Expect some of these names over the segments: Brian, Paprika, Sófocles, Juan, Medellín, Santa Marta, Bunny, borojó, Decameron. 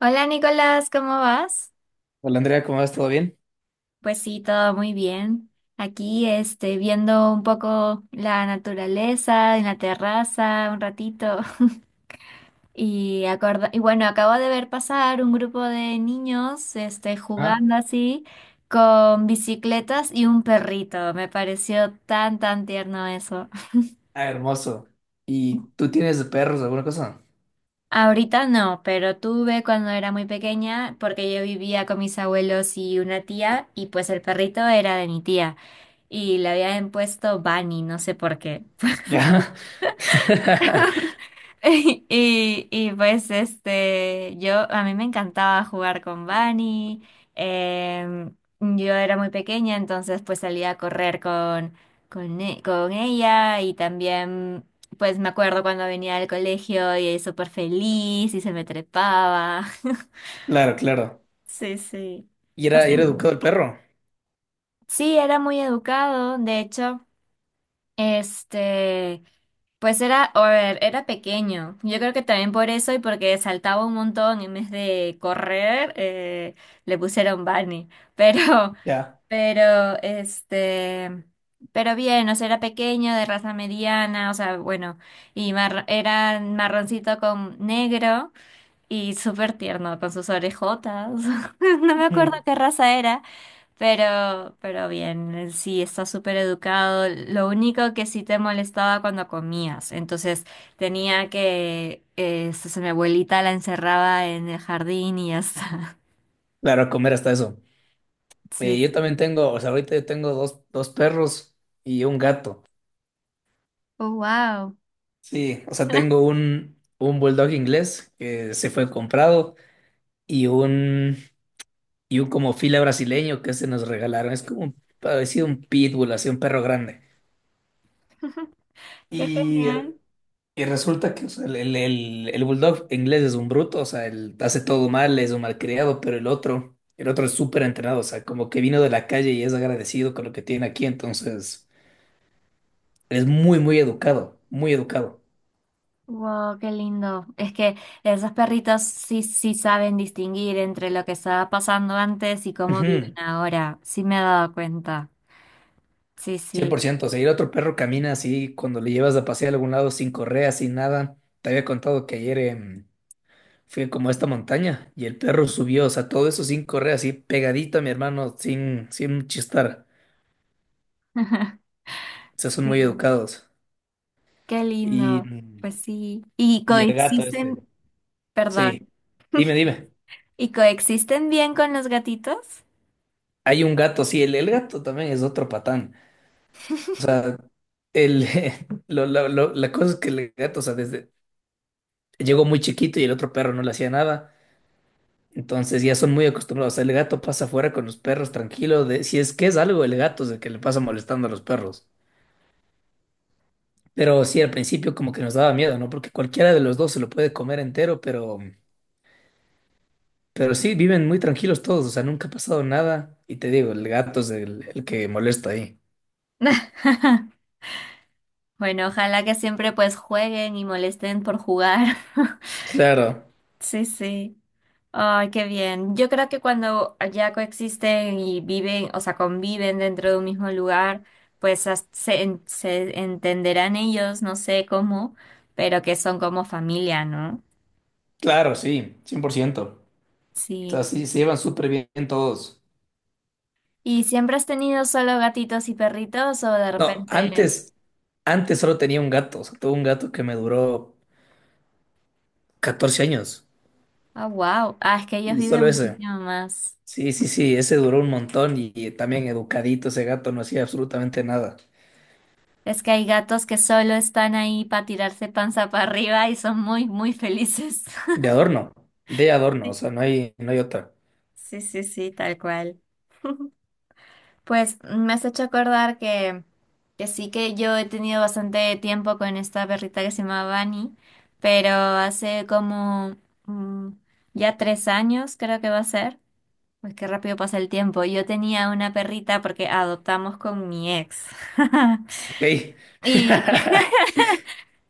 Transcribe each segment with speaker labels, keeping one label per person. Speaker 1: Hola Nicolás, ¿cómo vas?
Speaker 2: Hola Andrea, ¿cómo vas? ¿Todo bien?
Speaker 1: Pues sí, todo muy bien. Aquí, este, viendo un poco la naturaleza en la terraza, un ratito. Y bueno, acabo de ver pasar un grupo de niños, este,
Speaker 2: Ah,
Speaker 1: jugando así con bicicletas y un perrito. Me pareció tan, tan tierno eso.
Speaker 2: Ah, hermoso. ¿Y tú tienes de perros alguna cosa?
Speaker 1: Ahorita no, pero tuve cuando era muy pequeña porque yo vivía con mis abuelos y una tía y pues el perrito era de mi tía y le habían puesto Bunny, no sé por qué.
Speaker 2: Ya.
Speaker 1: Y pues este, yo a mí me encantaba jugar con Bunny. em, yo era muy pequeña, entonces pues salía a correr con ella y también pues me acuerdo cuando venía al colegio y súper feliz y se me trepaba.
Speaker 2: Claro, claro.
Speaker 1: Sí, sí. No sé,
Speaker 2: Y era educado el perro?
Speaker 1: sí, era muy educado, de hecho, este, pues era, a ver, era pequeño. Yo creo que también por eso y porque saltaba un montón en vez de correr, le pusieron Bunny. Pero,
Speaker 2: Ya.
Speaker 1: pero, pero bien, o sea, era pequeño, de raza mediana, o sea, bueno, y era marroncito con negro y súper tierno con sus orejotas. No me acuerdo
Speaker 2: Ujú.
Speaker 1: qué raza era. Pero bien, él sí, está súper educado. Lo único que sí te molestaba cuando comías. Entonces entonces mi abuelita la encerraba en el jardín y ya está.
Speaker 2: Claro, a comer hasta eso. Eh,
Speaker 1: Sí.
Speaker 2: yo también tengo, o sea, ahorita yo tengo dos perros y un gato.
Speaker 1: Oh, wow.
Speaker 2: Sí, o sea, tengo un bulldog inglés que se fue comprado y un, y un como fila brasileño que se nos regalaron. Es como parecido a un pitbull, así un perro grande.
Speaker 1: Qué
Speaker 2: Y
Speaker 1: genial.
Speaker 2: Y resulta que o sea, el bulldog inglés es un bruto, o sea, él hace todo mal, es un malcriado, pero el otro es súper entrenado, o sea, como que vino de la calle y es agradecido con lo que tiene aquí, entonces es muy, muy educado, muy educado.
Speaker 1: Wow, qué lindo. Es que esos perritos sí, sí saben distinguir entre lo que estaba pasando antes y cómo viven
Speaker 2: Ujú,
Speaker 1: ahora. Sí me he dado cuenta. Sí,
Speaker 2: cien
Speaker 1: sí.
Speaker 2: por ciento, o sea, y el otro perro camina así cuando le llevas a pasear a algún lado sin correa, sin nada. Te había contado que ayer fui como a esta montaña y el perro subió, o sea, todo eso sin correa, así pegadito a mi hermano, sin, sin chistar. O sea, son muy
Speaker 1: Sí.
Speaker 2: educados.
Speaker 1: Qué
Speaker 2: Y,
Speaker 1: lindo. Pues sí. ¿Y
Speaker 2: y el gato este,
Speaker 1: coexisten? Perdón.
Speaker 2: sí. Dime, dime.
Speaker 1: ¿Y coexisten bien con los gatitos?
Speaker 2: Hay un gato, sí, el gato también es otro patán. O sea, el, lo- la cosa es que el gato, o sea, desde, llegó muy chiquito y el otro perro no le hacía nada. Entonces ya son muy acostumbrados. El gato pasa afuera con los perros tranquilo. De, si es que es algo, el gato es el que le pasa molestando a los perros. Pero sí, al principio como que nos daba miedo, ¿no? Porque cualquiera de los dos se lo puede comer entero, pero... Pero sí, viven muy tranquilos todos, o sea, nunca ha pasado nada. Y te digo, el gato es el que molesta ahí.
Speaker 1: Bueno, ojalá que siempre pues jueguen y molesten por jugar.
Speaker 2: Claro,
Speaker 1: Sí, sí. Ay, qué bien. Yo creo que cuando ya coexisten y viven, o sea, conviven dentro de un mismo lugar, pues se entenderán ellos, no sé cómo, pero que son como familia, ¿no?
Speaker 2: claro, sí, 100%. O sea,
Speaker 1: Sí.
Speaker 2: sí, se llevan súper bien todos.
Speaker 1: ¿Y siempre has tenido solo gatitos y perritos o de
Speaker 2: No,
Speaker 1: repente...
Speaker 2: antes solo tenía un gato, o sea, tuve un gato que me duró 14 años.
Speaker 1: Ah, wow. Ah, es que ellos
Speaker 2: Y
Speaker 1: viven
Speaker 2: solo ese.
Speaker 1: muchísimo más.
Speaker 2: Sí, sí, sí, ese duró un montón y también educadito ese gato, no hacía absolutamente nada.
Speaker 1: Es que hay gatos que solo están ahí para tirarse panza para arriba y son muy, muy felices.
Speaker 2: De adorno, de adorno, o
Speaker 1: Sí,
Speaker 2: sea, no hay, no hay otra.
Speaker 1: sí, sí, sí, tal cual. Pues me has hecho acordar que sí que yo he tenido bastante tiempo con esta perrita que se llama Bunny, pero hace como mm, ya 3 años creo que va a ser. Pues qué rápido pasa el tiempo. Yo tenía una perrita porque adoptamos con mi ex.
Speaker 2: Ok.
Speaker 1: Y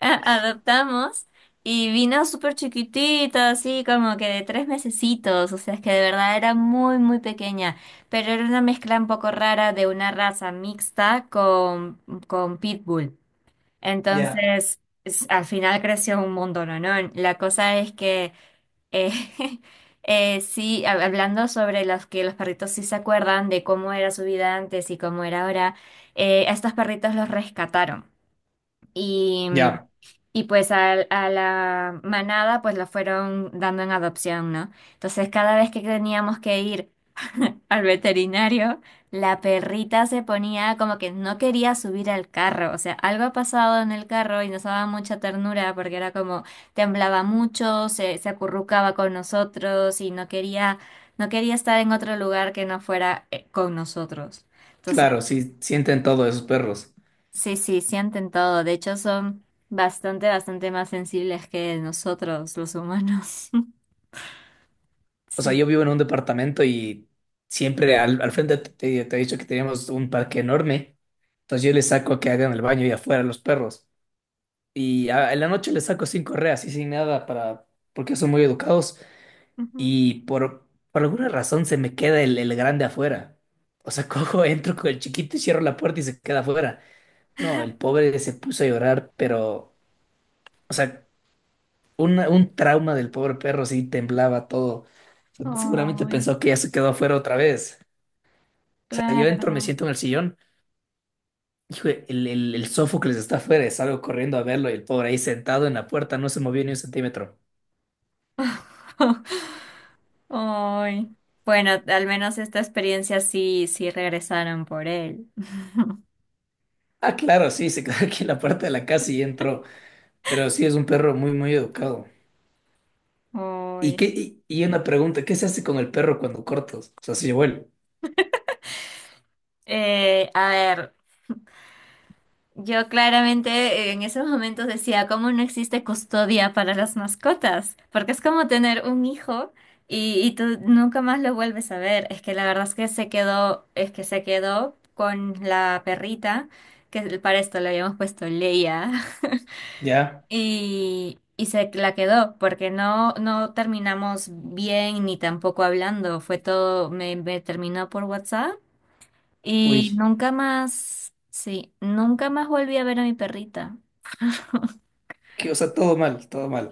Speaker 1: adoptamos y vino súper chiquitito así como que de 3 mesecitos, o sea, es que de verdad era muy, muy pequeña, pero era una mezcla un poco rara de una raza mixta con Pitbull.
Speaker 2: Ya.
Speaker 1: Entonces, al final creció un montón, ¿no? No, la cosa es que... eh, sí, hablando sobre los que los perritos sí se acuerdan de cómo era su vida antes y cómo era ahora, a estos perritos los rescataron. Y,
Speaker 2: Ya.
Speaker 1: y pues la manada pues la fueron dando en adopción, ¿no? Entonces cada vez que teníamos que ir al veterinario, la perrita se ponía como que no quería subir al carro, o sea, algo ha pasado en el carro y nos daba mucha ternura porque era como temblaba mucho, se acurrucaba con nosotros y no quería, no quería estar en otro lugar que no fuera con nosotros.
Speaker 2: Claro, sí, sienten todo esos perros.
Speaker 1: Sí, sí, sienten todo. De hecho, son bastante, bastante más sensibles que nosotros, los humanos.
Speaker 2: O sea,
Speaker 1: Sí.
Speaker 2: yo vivo en un departamento y siempre al frente te he dicho que teníamos un parque enorme. Entonces yo les saco que hagan el baño y afuera a los perros. Y en la noche les saco sin correas y sin nada para, porque son muy educados.
Speaker 1: Ujú.
Speaker 2: Y por alguna razón se me queda el grande afuera. O sea, cojo, entro con el chiquito y cierro la puerta y se queda afuera. No, el pobre se puso a llorar, pero, o sea, un trauma del pobre perro, sí, temblaba todo. Seguramente
Speaker 1: Ay,
Speaker 2: pensó que ya se quedó afuera otra vez. O sea, yo entro, me
Speaker 1: claro.
Speaker 2: siento en el sillón. Hijo, el Sófocles está afuera, y salgo corriendo a verlo y el pobre ahí sentado en la puerta no se movió ni un centímetro.
Speaker 1: Ay. Bueno, al menos esta experiencia sí, sí regresaron por él.
Speaker 2: Ah, claro, sí, se quedó aquí en la puerta de la casa y entró. Pero sí, es un perro muy, muy educado. ¿Y
Speaker 1: Ay.
Speaker 2: qué? Y una pregunta, ¿qué se hace con el perro cuando cortas? O sea, si se llevó el...
Speaker 1: A ver. Yo claramente en esos momentos decía, ¿cómo no existe custodia para las mascotas? Porque es como tener un hijo y tú nunca más lo vuelves a ver. Es que la verdad es que se quedó, es que se quedó con la perrita, que para esto le habíamos puesto Leia,
Speaker 2: Ya,
Speaker 1: y se la quedó, porque no, no terminamos bien ni tampoco hablando. Fue todo, me terminó por WhatsApp y
Speaker 2: uy,
Speaker 1: nunca más, sí, nunca más volví a ver a mi perrita.
Speaker 2: que, o sea, todo mal, todo mal.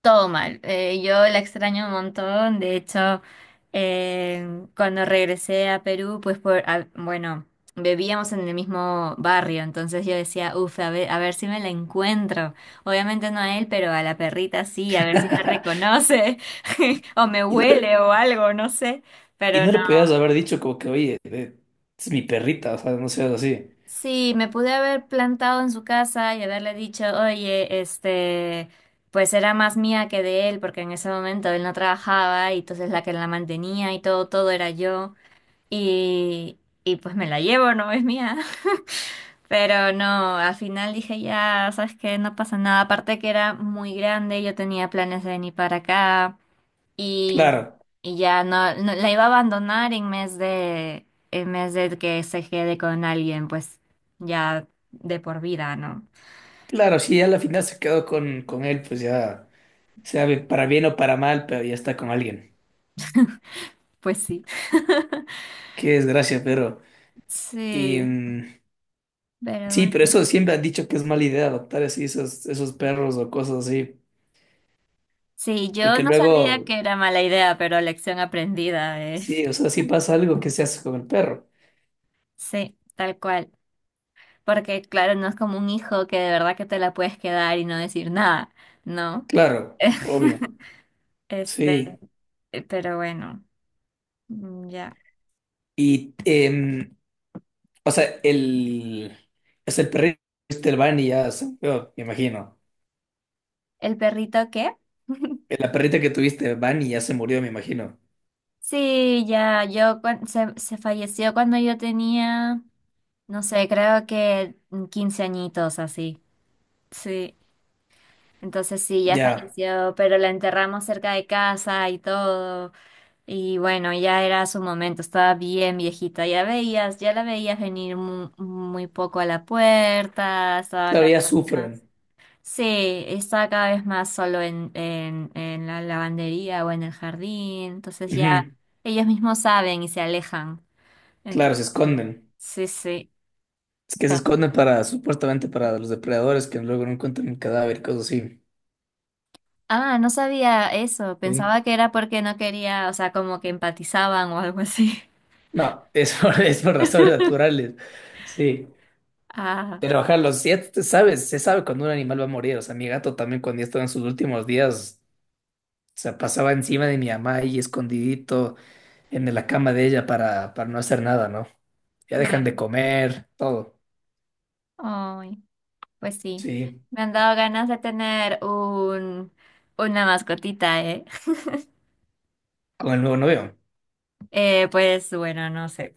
Speaker 1: Todo mal. Yo la extraño un montón. De hecho, cuando regresé a Perú, pues bueno, vivíamos en el mismo barrio, entonces yo decía, uff, a ver si me la encuentro. Obviamente no a él, pero a la perrita sí, a ver si me reconoce o me huele o algo, no sé.
Speaker 2: Y
Speaker 1: Pero
Speaker 2: no le podías haber dicho como que, oye, es mi perrita, o sea, no seas así.
Speaker 1: sí, me pude haber plantado en su casa y haberle dicho, oye, este, pues era más mía que de él, porque en ese momento él no trabajaba y entonces la que la mantenía y todo, todo era yo. Y pues me la llevo, no es mía. Pero no, al final dije, ya, sabes que no pasa nada. Aparte que era muy grande, yo tenía planes de venir para acá y,
Speaker 2: Claro,
Speaker 1: y ya no, la iba a abandonar en vez de que se quede con alguien, pues ya de por vida, ¿no?
Speaker 2: claro, si ya a la final se quedó con él, pues ya, para bien o para mal, pero ya está con alguien.
Speaker 1: Pues sí.
Speaker 2: Qué desgracia, pero... Y,
Speaker 1: Sí, pero
Speaker 2: sí, pero
Speaker 1: bueno.
Speaker 2: eso siempre han dicho que es mala idea adoptar así esos, esos perros o cosas así,
Speaker 1: Sí, yo
Speaker 2: porque
Speaker 1: no sabía
Speaker 2: luego,
Speaker 1: que era mala idea, pero lección aprendida, eh.
Speaker 2: sí, o sea, si pasa algo, que se hace con el perro?
Speaker 1: Sí, tal cual. Porque claro, no es como un hijo que de verdad que te la puedes quedar y no decir nada, ¿no?
Speaker 2: Claro, obvio,
Speaker 1: Este,
Speaker 2: sí.
Speaker 1: pero bueno, mm, ya.
Speaker 2: Y o sea, el, es el perrito que tuviste, el Bunny, ya se murió, me imagino.
Speaker 1: ¿El perrito qué?
Speaker 2: La perrita que tuviste, Bunny, ya se murió, me imagino.
Speaker 1: Sí, ya, yo se falleció cuando yo tenía, no sé, creo que 15 añitos así. Sí, entonces sí, ya
Speaker 2: Ya,
Speaker 1: falleció, pero la enterramos cerca de casa y todo. Y bueno, ya era su momento, estaba bien viejita, ya veías, ya la veías venir muy poco a la puerta, estaba
Speaker 2: claro, ya
Speaker 1: cada vez más.
Speaker 2: sufren.
Speaker 1: Sí, estaba cada vez más solo en la lavandería o en el jardín, entonces ya
Speaker 2: Ujú.
Speaker 1: ellos mismos saben y se alejan.
Speaker 2: Claro,
Speaker 1: Entonces,
Speaker 2: se esconden.
Speaker 1: sí, sí.
Speaker 2: Es que se
Speaker 1: Pero-
Speaker 2: esconden para, supuestamente para los depredadores que luego no encuentran el cadáver, cosas así.
Speaker 1: Ah, no sabía eso.
Speaker 2: Sí.
Speaker 1: Pensaba que era porque no quería, o sea, como que empatizaban o algo así.
Speaker 2: No, es por, es por razones naturales. Sí.
Speaker 1: Ah,
Speaker 2: Pero ojalá, los si ya siete, sabes, se sabe cuando un animal va a morir. O sea, mi gato también cuando ya estaba en sus últimos días, o sea, pasaba encima de mi mamá ahí escondidito en la cama de ella para no hacer nada, ¿no? Ya dejan de
Speaker 1: bien.
Speaker 2: comer, todo.
Speaker 1: Ay, pues sí.
Speaker 2: Sí,
Speaker 1: Me han dado ganas de tener un, una mascotita, ¿eh?
Speaker 2: con el nuevo novio.
Speaker 1: Pues bueno, no sé.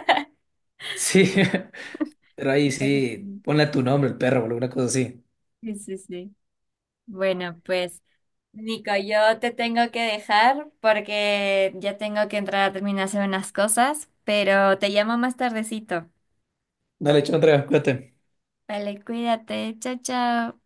Speaker 2: Sí, pero ahí sí, ponle a tu nombre, el perro, o alguna cosa así.
Speaker 1: Sí, sí, sí. Bueno, pues. Nico, yo te tengo que dejar porque ya tengo que entrar a terminar de hacer unas cosas, pero te llamo más tardecito.
Speaker 2: Dale, chao, Andrea, cuídate.
Speaker 1: Vale, cuídate. Chao, chao.